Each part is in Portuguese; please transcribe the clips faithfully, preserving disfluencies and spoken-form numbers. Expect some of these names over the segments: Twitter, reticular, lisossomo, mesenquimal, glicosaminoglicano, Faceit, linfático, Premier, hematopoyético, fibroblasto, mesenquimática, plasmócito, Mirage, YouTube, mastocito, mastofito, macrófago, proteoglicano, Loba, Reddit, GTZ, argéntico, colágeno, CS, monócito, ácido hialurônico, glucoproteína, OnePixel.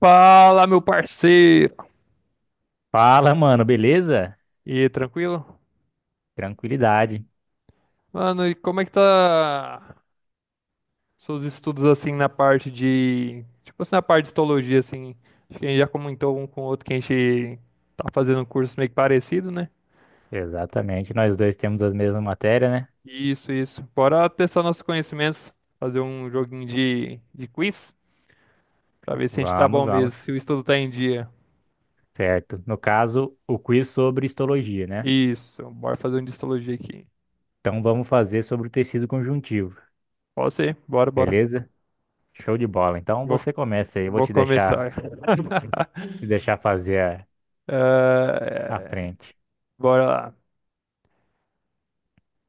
Fala, meu parceiro! Fala, mano, beleza? E aí, tranquilo? Tranquilidade. Mano, e como é que tá seus estudos assim na parte de. Tipo assim, na parte de histologia, assim. Acho que a gente já comentou um com o outro que a gente tá fazendo um curso meio que parecido, né? Exatamente, nós dois temos as mesmas matérias, né? Isso, isso. Bora testar nossos conhecimentos, fazer um joguinho de, de quiz, pra ver se a gente tá Vamos, bom mesmo, vamos. se o estudo tá em dia. Certo. No caso, o quiz sobre histologia, né? Isso, bora fazer um de histologia aqui. Então vamos fazer sobre o tecido conjuntivo, Pode ser, bora, bora. beleza? Show de bola. Então Vou, você começa aí, eu vou vou te deixar, começar. te deixar fazer a, a Ah, frente. Bora lá.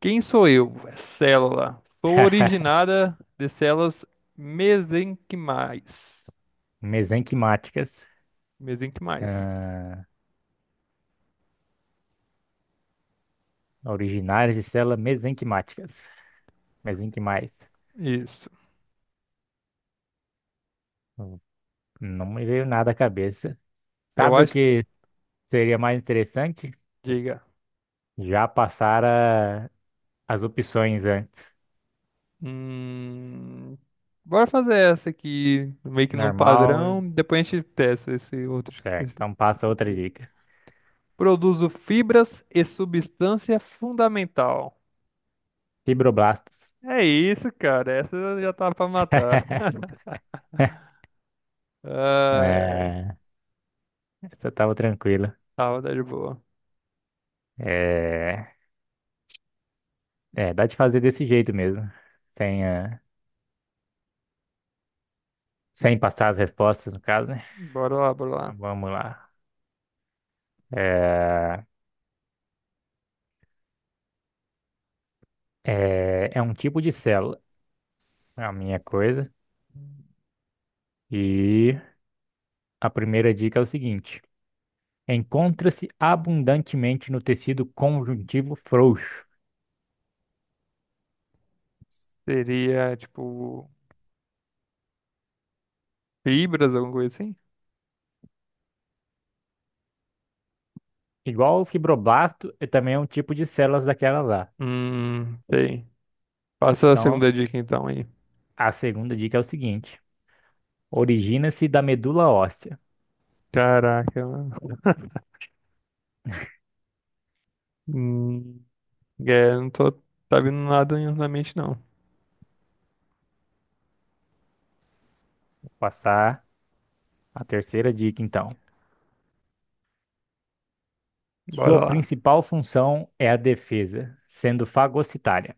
Quem sou eu? É célula. Sou originada de células mesenquimais. Mesenquimáticas, Mesenquimais. ah, originárias de células mesenquimáticas. Mesenquimais. Isso. Hum, Não me veio nada à cabeça. Eu Sabe o acho. que seria mais interessante? Diga. Já passara as opções antes. Hum... Bora fazer essa aqui, meio que num Normal, padrão. Depois a gente testa esse outro, certo. esse Então passa outro outra jeito. dica. Produzo fibras e substância fundamental. Fibroblastos. É isso, cara. Essa já tá pra matar. Ah, é. É, essa tava tranquila. Tá, tá de boa. É, é, dá de fazer desse jeito mesmo. Sem, eh, sem passar as respostas, no caso, né? Bora lá, bora Então, lá. vamos lá. É, é, é um tipo de célula, é a minha coisa. E a primeira dica é o seguinte: encontra-se abundantemente no tecido conjuntivo frouxo. Seria, tipo, fibras, alguma coisa assim? Igual o fibroblasto, é também é um tipo de células daquela lá. Hum, sei. Passa a Então, segunda dica então aí. a segunda dica é o seguinte: origina-se da medula óssea. Caraca, mano. Hum, é, não tô, tá vindo nada na mente não. Vou passar a terceira dica, então. Bora Sua lá. principal função é a defesa, sendo fagocitária.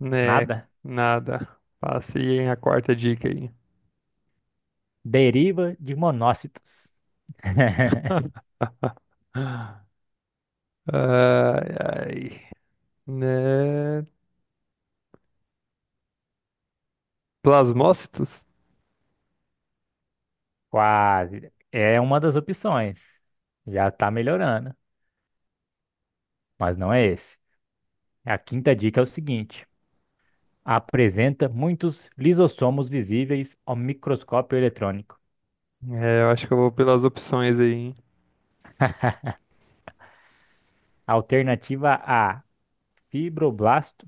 Né, Nada? nada. Passei a quarta dica aí. Deriva de monócitos. Ai, ai. Né, plasmócitos? Quase. É uma das opções. Já está melhorando, mas não é esse. A quinta dica é o seguinte: apresenta muitos lisossomos visíveis ao microscópio eletrônico. É, eu acho que eu vou pelas opções aí, hein. Alternativa á, fibroblasto.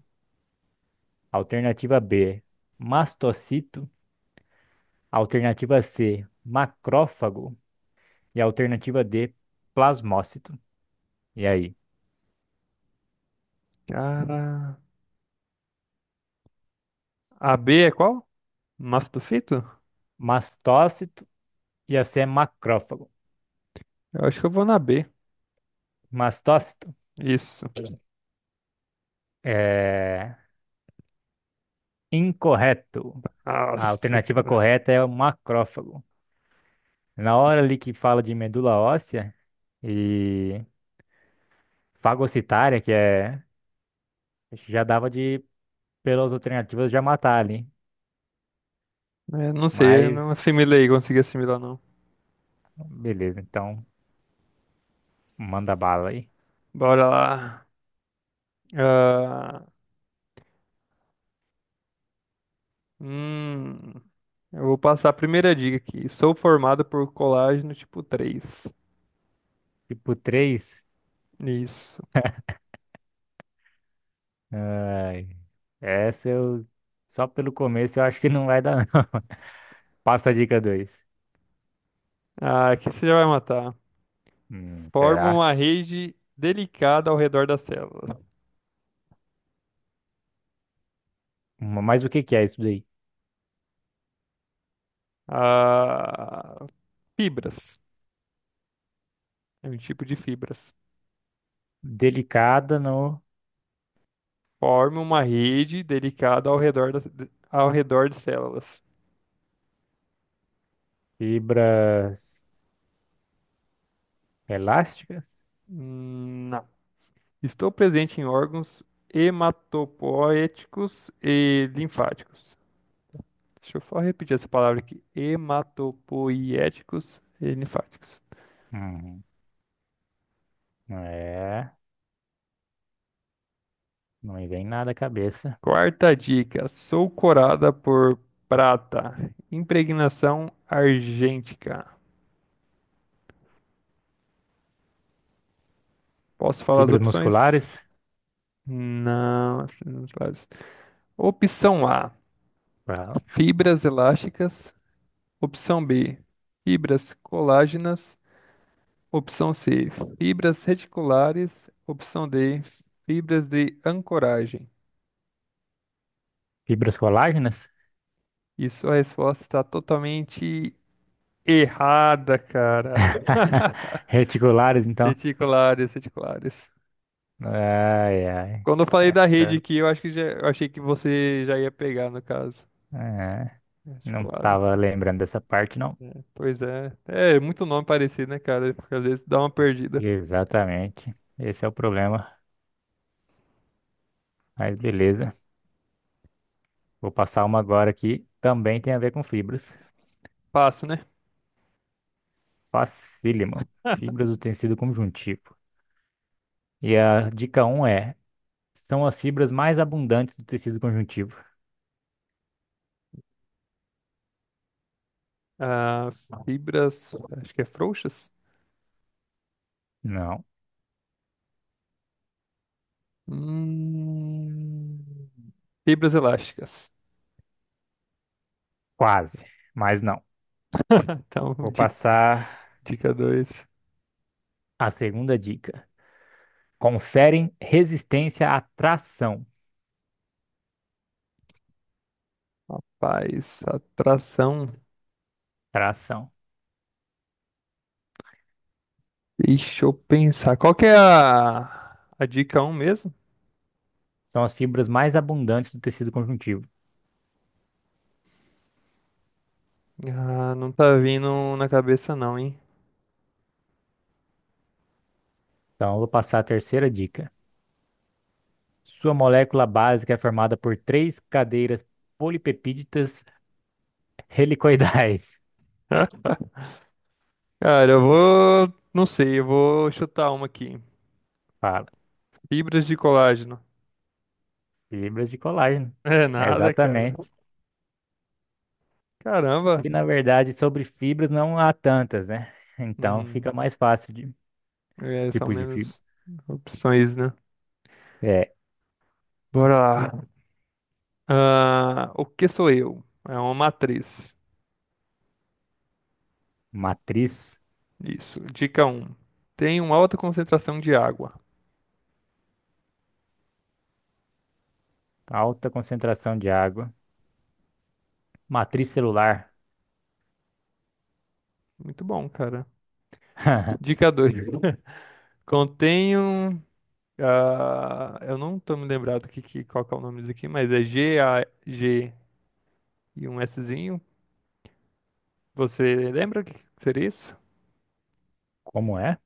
Alternativa bê, mastocito. Alternativa cê, macrófago. E a alternativa dê, plasmócito. E aí? Cara, a B é qual? Mastofito? Mastócito e a cê é macrófago. Eu acho que eu vou na B. Mastócito Isso. é incorreto. A Nossa, alternativa cara. correta é o macrófago. Na hora ali que fala de medula óssea e fagocitária, que é. Já dava de, pelas alternativas, já matar ali. É, não sei, eu Mas, não assimilei, consegui assimilar, não. beleza, então manda bala aí. Bora lá. Ah, hum, eu vou passar a primeira dica aqui. Sou formado por colágeno tipo três. Tipo três. Isso. Ai, essa eu. Só pelo começo eu acho que não vai dar, não. Passa a dica dois. Ah, aqui você já vai matar. Hum, Forma Será? uma rede delicada ao redor da célula. Ma- Mas o que que é isso daí? Ah, fibras. É um tipo de fibras. Delicada no. Forma uma rede delicada ao redor, da, ao redor de células. Fibras elásticas? Hum, Não. Estou presente em órgãos hematopoéticos e linfáticos. Deixa eu só repetir essa palavra aqui: hematopoéticos e linfáticos. Hum, é. Não me vem nada à cabeça. Quarta dica: sou corada por prata, impregnação argêntica. Posso falar as Fibras opções? musculares? Não, acho que não claro. Opção A: Fala. fibras elásticas. Opção B: fibras colágenas. Opção C, fibras reticulares. Opção D, fibras de ancoragem. Fibras colágenas? E sua resposta está totalmente errada, cara. Reticulares, então. Reticulares, reticulares. Ai, ai. Quando eu falei da rede Essa aqui, eu acho que já, eu achei que você já ia pegar, no caso. é. Não Reticulado. estava lembrando dessa parte, não. É, pois é. É muito nome parecido, né, cara? Porque às vezes dá uma perdida. Exatamente. Esse é o problema. Mas beleza. Vou passar uma agora aqui. Também tem a ver com fibras. Fácil, né? Facílimo. Fibras do tecido conjuntivo. E a dica um é: são as fibras mais abundantes do tecido conjuntivo. Ah, fibras. Acho que é frouxas? Não, Hum, fibras elásticas. quase, mas não. Então, Vou di- passar dica dois. a segunda dica. Conferem resistência à tração. Rapaz, atração. Tração. Deixa eu pensar. Qual que é a, a dica um mesmo? São as fibras mais abundantes do tecido conjuntivo. Ah, não tá vindo na cabeça não, hein? Então, eu vou passar a terceira dica. Sua molécula básica é formada por três cadeiras polipepídicas helicoidais. Cara, eu vou. Não sei, eu vou chutar uma aqui. Fala, Fibras de colágeno. fibras de colágeno. É nada, cara. Exatamente. Caramba. E na verdade, sobre fibras não há tantas, né? Então Hum, fica mais fácil de é, são tipo de fibra. menos opções, né? É Bora lá. Ah, o que sou eu? É uma matriz. matriz, Isso. Dica um, tem uma alta concentração de água. alta concentração de água, matriz celular. Muito bom, cara. Dica dois, contém um. Ah, eu não tô me lembrado que, que, qual que é o nome disso aqui, mas é G A G e um Szinho. Você lembra o que que seria isso? Como é?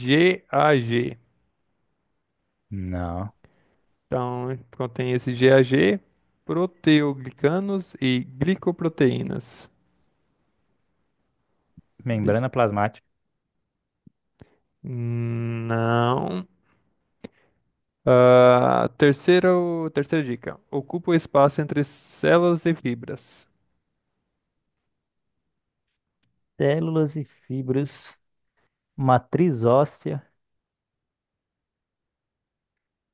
G A G. Não. Então, contém esse G A G, proteoglicanos e glicoproteínas. Deixa- Membrana plasmática, Não. Ah, terceiro, terceira dica. Ocupa o espaço entre células e fibras. células e fibras, matriz óssea.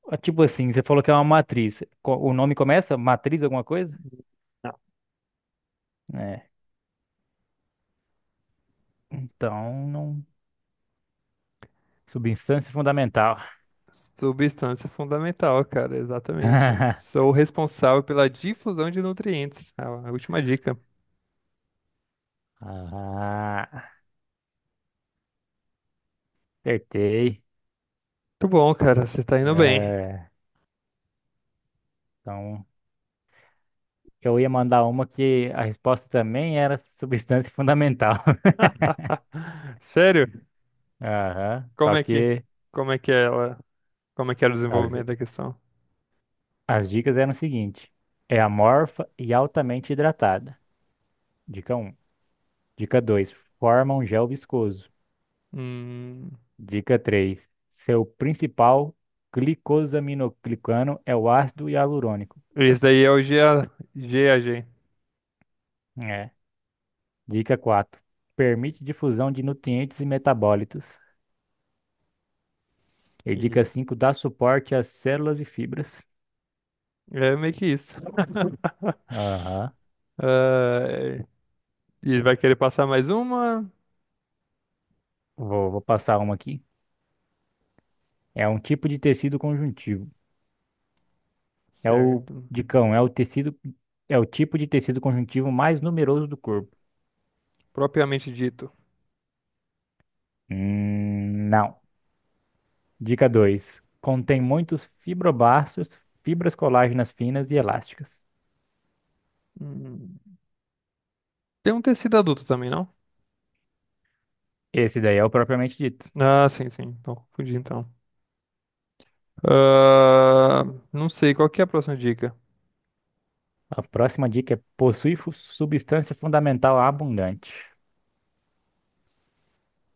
Ah, tipo assim, você falou que é uma matriz. Co- O nome começa? Matriz alguma coisa? É. Então, não. Substância fundamental. Substância fundamental, cara, exatamente. Sou responsável pela difusão de nutrientes. Ah, a última dica. Ah, acertei. Muito bom, cara, você tá indo bem. É, então, eu ia mandar uma que a resposta também era substância fundamental. Sério? Aham. Como Só é que, que como é que ela, como é que era o as, desenvolvimento da questão? as dicas eram o seguinte: é amorfa e altamente hidratada. Dica um. Dica dois. Forma um gel viscoso. Hum, Dica três: seu principal glicosaminoglicano é o ácido hialurônico. esse daí é o G G A G A G. É. Dica quatro: permite difusão de nutrientes e metabólitos. E Ih, dica cinco: dá suporte às células e fibras. é meio que isso. Aham. Ah, e vai querer passar mais uma? Vou, vou passar uma aqui. É um tipo de tecido conjuntivo. É o, Certo. dicão, é o tecido, é o tipo de tecido conjuntivo mais numeroso do corpo. Propriamente dito. Hum, não. Dica dois: contém muitos fibroblastos, fibras colágenas finas e elásticas. Hum, Tem um tecido adulto também, não? Esse daí é o propriamente dito. Ah, sim, sim. Então, fudi então. Ah, não sei, qual que é a próxima dica? A próxima dica é possui fu- substância fundamental abundante.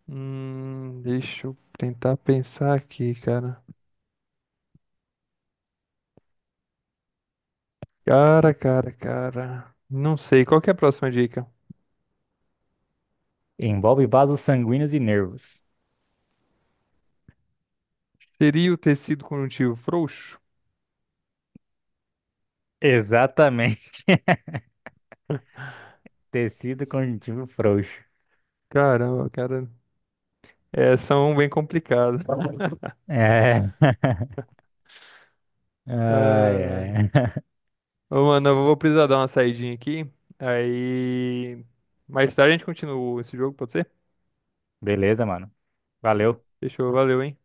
Hum, deixa eu tentar pensar aqui, cara. Cara, cara, cara. Não sei, qual que é a próxima dica? Envolve vasos sanguíneos e nervos. Seria o tecido conjuntivo frouxo? Exatamente. Tecido conjuntivo frouxo. Caramba, cara. É, são bem complicadas. É. Ai, Ah, ai. ô, mano, eu vou precisar dar uma saidinha aqui. Aí. Mais tarde a gente continua esse jogo, pode ser? Beleza, mano. Valeu. Fechou, valeu, hein?